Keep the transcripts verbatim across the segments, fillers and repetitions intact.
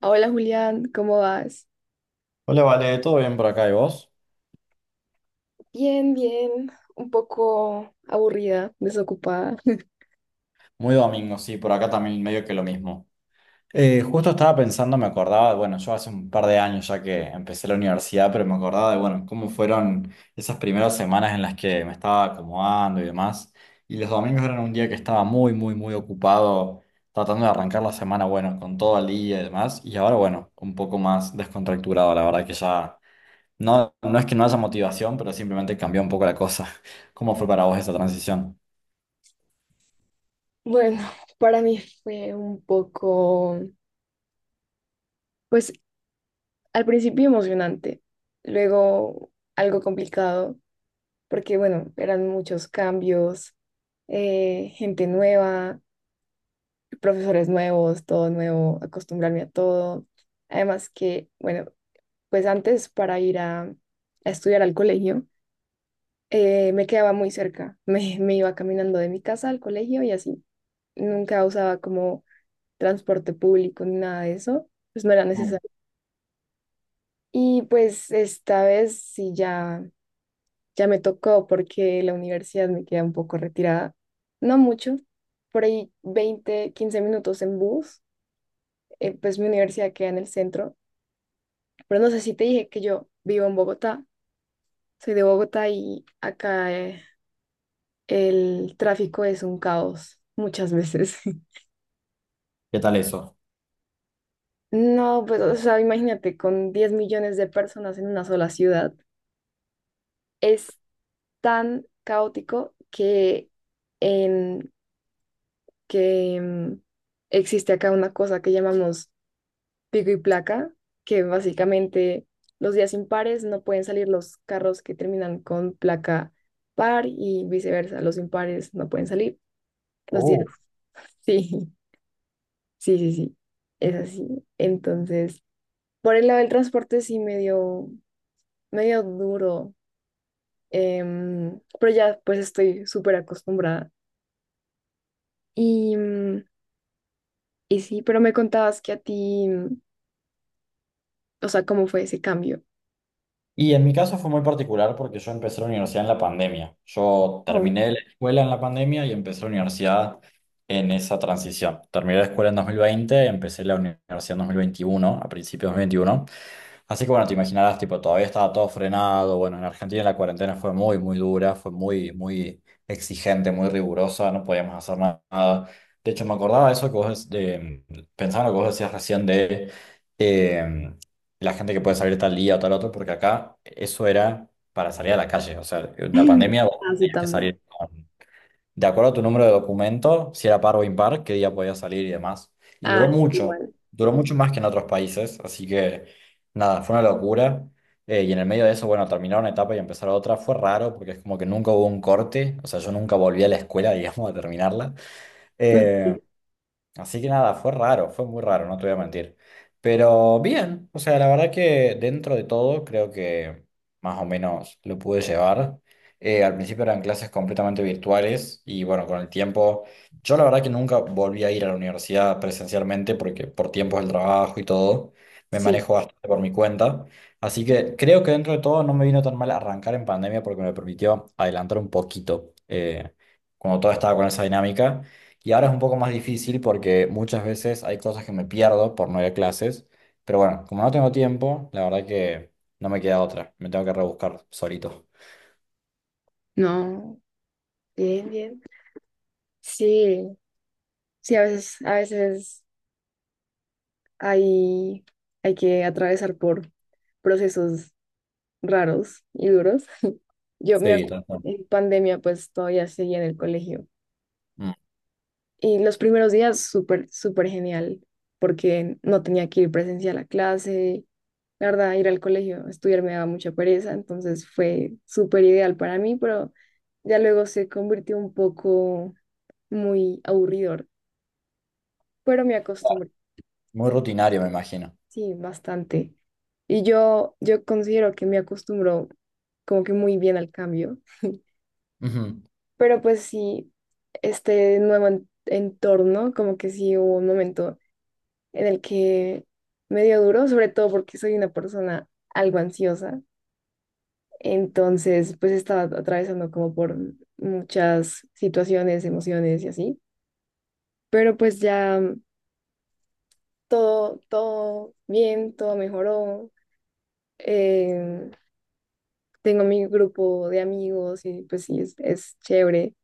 Hola Julián, ¿cómo vas? Hola, Vale, ¿todo bien por acá y vos? Bien, bien, un poco aburrida, desocupada. Muy domingo, sí, por acá también medio que lo mismo. Eh, justo estaba pensando, me acordaba, bueno, yo hace un par de años ya que empecé la universidad, pero me acordaba de, bueno, cómo fueron esas primeras semanas en las que me estaba acomodando y demás. Y los domingos eran un día que estaba muy, muy, muy ocupado tratando de arrancar la semana, bueno, con todo el día y demás. Y ahora, bueno, un poco más descontracturado, la verdad que ya, no, no es que no haya motivación, pero simplemente cambió un poco la cosa. ¿Cómo fue para vos esa transición? Bueno, para mí fue un poco, pues al principio emocionante, luego algo complicado, porque bueno, eran muchos cambios, eh, gente nueva, profesores nuevos, todo nuevo, acostumbrarme a todo. Además que, bueno, pues antes para ir a a estudiar al colegio, eh, me quedaba muy cerca. Me, me iba caminando de mi casa al colegio y así. Nunca usaba como transporte público ni nada de eso. Pues no era necesario. Y pues esta vez sí ya, ya me tocó porque la universidad me queda un poco retirada. No mucho, por ahí veinte quince minutos en bus. Eh, pues mi universidad queda en el centro. Pero no sé si te dije que yo vivo en Bogotá. Soy de Bogotá y acá eh, el tráfico es un caos muchas veces. ¿Qué tal eso? No, pues, o sea, imagínate, con diez millones de personas en una sola ciudad, es tan caótico que, en, que mm, existe acá una cosa que llamamos pico y placa, que básicamente los días impares no pueden salir los carros que terminan con placa par y viceversa, los impares no pueden salir los días. Oh, Sí, sí, sí, sí, es así. Entonces, por el lado del transporte sí medio, medio duro. Em, pero ya pues estoy súper acostumbrada. Y, mm, y sí, pero me contabas que a ti, mm, o sea, ¿cómo fue ese cambio? Y en mi caso fue muy particular porque yo empecé la universidad en la pandemia. Yo Oh. terminé la escuela en la pandemia y empecé la universidad en esa transición. Terminé la escuela en dos mil veinte, empecé la universidad en dos mil veintiuno, a principios de dos mil veintiuno. Así que bueno, te imaginarás, tipo, todavía estaba todo frenado. Bueno, en Argentina la cuarentena fue muy, muy dura, fue muy, muy exigente, muy rigurosa, no podíamos hacer na- nada. De hecho, me acordaba de eso que vos, de, pensaba en lo que vos decías recién de eh, la gente que puede salir tal día o tal otro, porque acá eso era para salir a la calle. O sea, en la pandemia vos Ah, sí, tenías que también. salir de acuerdo a tu número de documento, si era par o impar, qué día podía salir y demás. Y duró Ah, mucho, igual. duró mucho más que en otros países, así que nada, fue una locura. Eh, y en el medio de eso, bueno, terminar una etapa y empezar otra fue raro porque es como que nunca hubo un corte, o sea, yo nunca volví a la escuela, digamos, a terminarla. Ok. Eh, Así que nada, fue raro, fue muy raro, no te voy a mentir. Pero bien, o sea, la verdad que dentro de todo creo que más o menos lo pude llevar. Eh, al principio eran clases completamente virtuales y bueno, con el tiempo, yo la verdad que nunca volví a ir a la universidad presencialmente porque por tiempos del trabajo y todo, me Sí, manejo bastante por mi cuenta. Así que creo que dentro de todo no me vino tan mal arrancar en pandemia porque me permitió adelantar un poquito eh, cuando todo estaba con esa dinámica. Y ahora es un poco más difícil porque muchas veces hay cosas que me pierdo por no ir a clases. Pero bueno, como no tengo tiempo, la verdad que no me queda otra. Me tengo que rebuscar solito. no, bien, bien. Sí, sí, a veces, a veces hay, hay que atravesar por procesos raros y duros. Yo me Sí, acuerdo, tal cual. en pandemia pues todavía seguía en el colegio. Mm. Y los primeros días súper, súper genial, porque no tenía que ir presencial a clase. La verdad, ir al colegio, estudiar me daba mucha pereza, entonces fue súper ideal para mí, pero ya luego se convirtió un poco muy aburridor, pero me acostumbré, Muy rutinario, me imagino. sí, bastante. Y yo, yo considero que me acostumbro como que muy bien al cambio, Ujú. pero pues sí, este nuevo en- entorno, como que sí hubo un momento en el que me dio duro, sobre todo porque soy una persona algo ansiosa. Entonces, pues estaba atravesando como por muchas situaciones, emociones y así. Pero pues ya todo, todo bien, todo mejoró. Eh, Tengo mi grupo de amigos y pues sí, es, es chévere.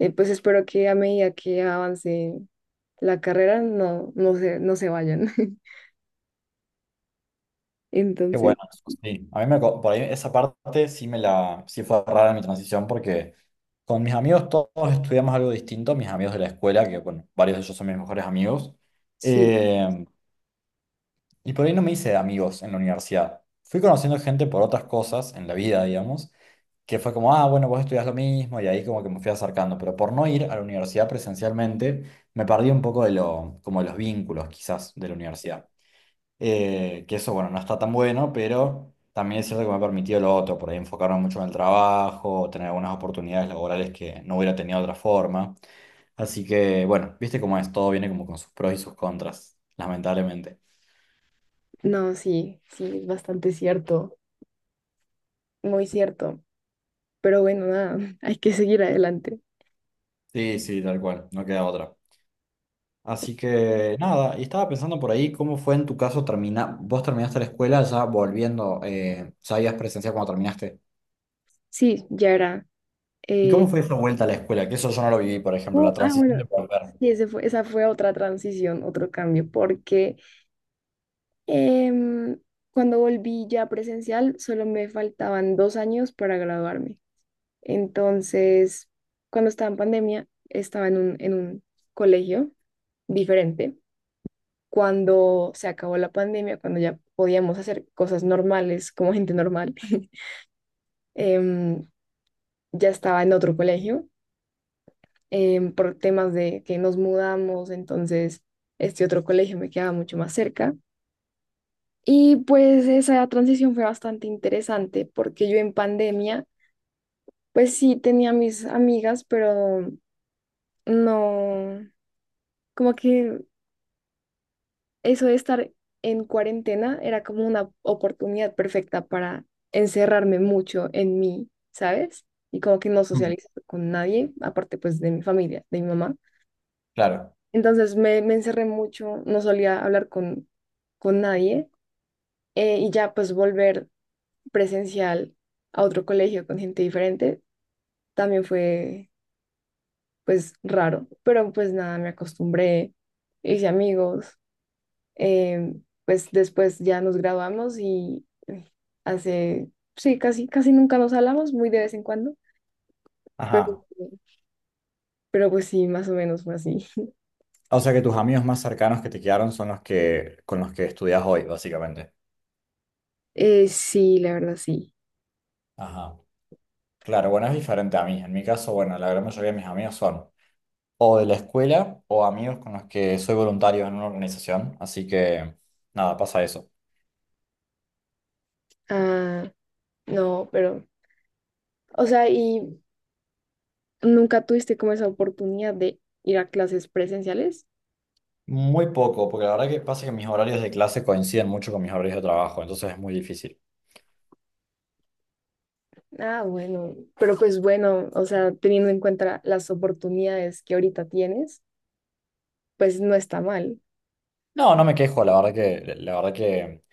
Eh, pues espero que a medida que avance la carrera no, no se, no se vayan. Qué bueno, Entonces, eso sí. A mí me, co- por ahí esa parte sí me la, sí fue rara mi transición porque con mis amigos todos estudiamos algo distinto. Mis amigos de la escuela, que bueno, varios de ellos son mis mejores amigos. sí, Eh, Y por ahí no me hice amigos en la universidad. Fui conociendo gente por otras cosas en la vida, digamos, que fue como, ah, bueno, vos estudias lo mismo, y ahí como que me fui acercando. Pero por no ir a la universidad presencialmente, me perdí un poco de lo, como de los vínculos quizás de la universidad. Eh, que eso, bueno, no está tan bueno, pero también es cierto que me ha permitido lo otro, por ahí enfocarme mucho en el trabajo, tener algunas oportunidades laborales que no hubiera tenido de otra forma. Así que, bueno, viste cómo es, todo viene como con sus pros y sus contras, lamentablemente. no, sí, sí, es bastante cierto. Muy cierto, pero bueno, nada, hay que seguir adelante. Sí, sí, tal cual, no queda otra. Así que nada, y estaba pensando por ahí cómo fue en tu caso terminar, vos terminaste la escuela ya volviendo, eh, ya habías presenciado cuando terminaste. Sí, ya era. ¿Y cómo eh, fue esa vuelta a la escuela? Que eso yo no lo viví, por ejemplo, la oh, ah, transición de bueno, volver. sí, ese fue, esa fue otra transición, otro cambio, porque em, cuando volví ya presencial, solo me faltaban dos años para graduarme. Entonces, cuando estaba en pandemia, estaba en un, en un colegio diferente. Cuando se acabó la pandemia, cuando ya podíamos hacer cosas normales como gente normal, em, ya estaba en otro colegio em, por temas de que nos mudamos, entonces este otro colegio me quedaba mucho más cerca. Y pues esa transición fue bastante interesante porque yo en pandemia, pues sí tenía mis amigas, pero no, como que eso de estar en cuarentena era como una oportunidad perfecta para encerrarme mucho en mí, ¿sabes? Y como que no Mm. socializar con nadie, aparte pues de mi familia, de mi mamá. Claro. Entonces me, me encerré mucho, no solía hablar con, con nadie eh, y ya pues volver presencial a otro colegio con gente diferente también fue pues raro, pero pues nada, me acostumbré, hice amigos, eh, pues después ya nos graduamos y eh, hace, sí, casi, casi nunca nos hablamos, muy de vez en cuando, pero, Ajá. pero pues sí, más o menos fue así. O sea que tus amigos más cercanos que te quedaron son los que con los que estudias hoy, básicamente. Eh, sí, la verdad sí. Ajá. Claro, bueno, es diferente a mí. En mi caso, bueno, la gran mayoría de mis amigos son o de la escuela o amigos con los que soy voluntario en una organización. Así que nada, pasa eso. Ah, no, pero, o sea, y... ¿Nunca tuviste como esa oportunidad de ir a clases presenciales? Muy poco, porque la verdad que pasa que mis horarios de clase coinciden mucho con mis horarios de trabajo, entonces es muy difícil. Ah, bueno, pero pues bueno, o sea, teniendo en cuenta las oportunidades que ahorita tienes, pues no está mal. No, no me quejo, la verdad que, la verdad que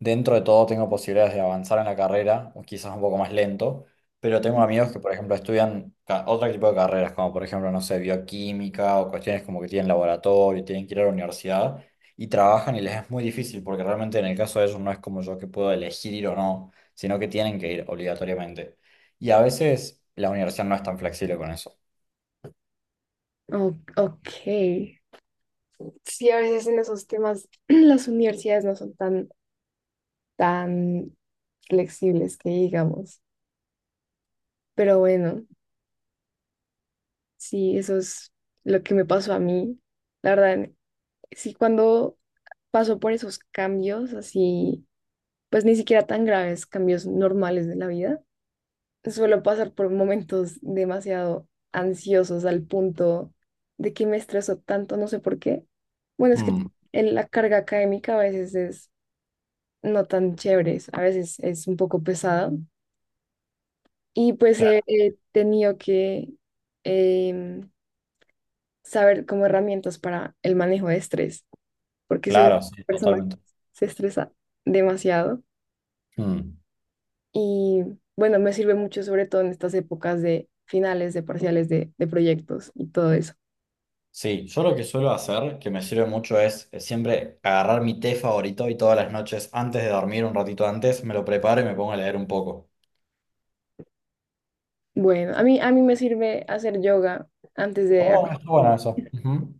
dentro de todo tengo posibilidades de avanzar en la carrera, o quizás un poco más lento, pero tengo amigos que, por ejemplo, estudian ca- otro tipo de carreras, como por ejemplo, no sé, bioquímica o cuestiones como que tienen laboratorio, tienen que ir a la universidad y trabajan y les es muy difícil, porque realmente en el caso de ellos no es como yo que puedo elegir ir o no, sino que tienen que ir obligatoriamente. Y a veces la universidad no es tan flexible con eso. O- ok. Sí, a veces en esos temas las universidades no son tan, tan flexibles que digamos. Pero bueno, sí, eso es lo que me pasó a mí. La verdad, sí, cuando paso por esos cambios así, pues ni siquiera tan graves, cambios normales de la vida suelo pasar por momentos demasiado ansiosos al punto de que me estreso tanto, no sé por qué. Bueno, es que Mm, el- la carga académica a veces es no tan chévere, a veces es un poco pesada y pues claro, he, he tenido que em, saber como herramientas para el manejo de estrés, porque soy una claro, sí, persona que totalmente. se estresa demasiado Mm. y bueno, me sirve mucho sobre todo en estas épocas de finales, de parciales, de, de proyectos y todo eso. Sí, yo lo que suelo hacer, que me sirve mucho, es eh, siempre agarrar mi té favorito y todas las noches, antes de dormir, un ratito antes, me lo preparo y me pongo a leer un poco. Bueno, a mí, a mí me sirve hacer yoga antes de Oh, está bueno acostarme. eso. Ujú.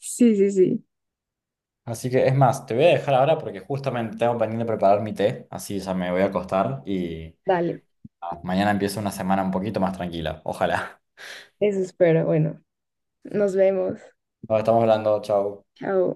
Sí, sí, sí. Así que es más, te voy a dejar ahora porque justamente tengo pendiente preparar mi té, así ya me voy a acostar y Dale, ah, mañana empieza una semana un poquito más tranquila. Ojalá. eso espero. Bueno, nos vemos. Nos estamos hablando, chao. Chao.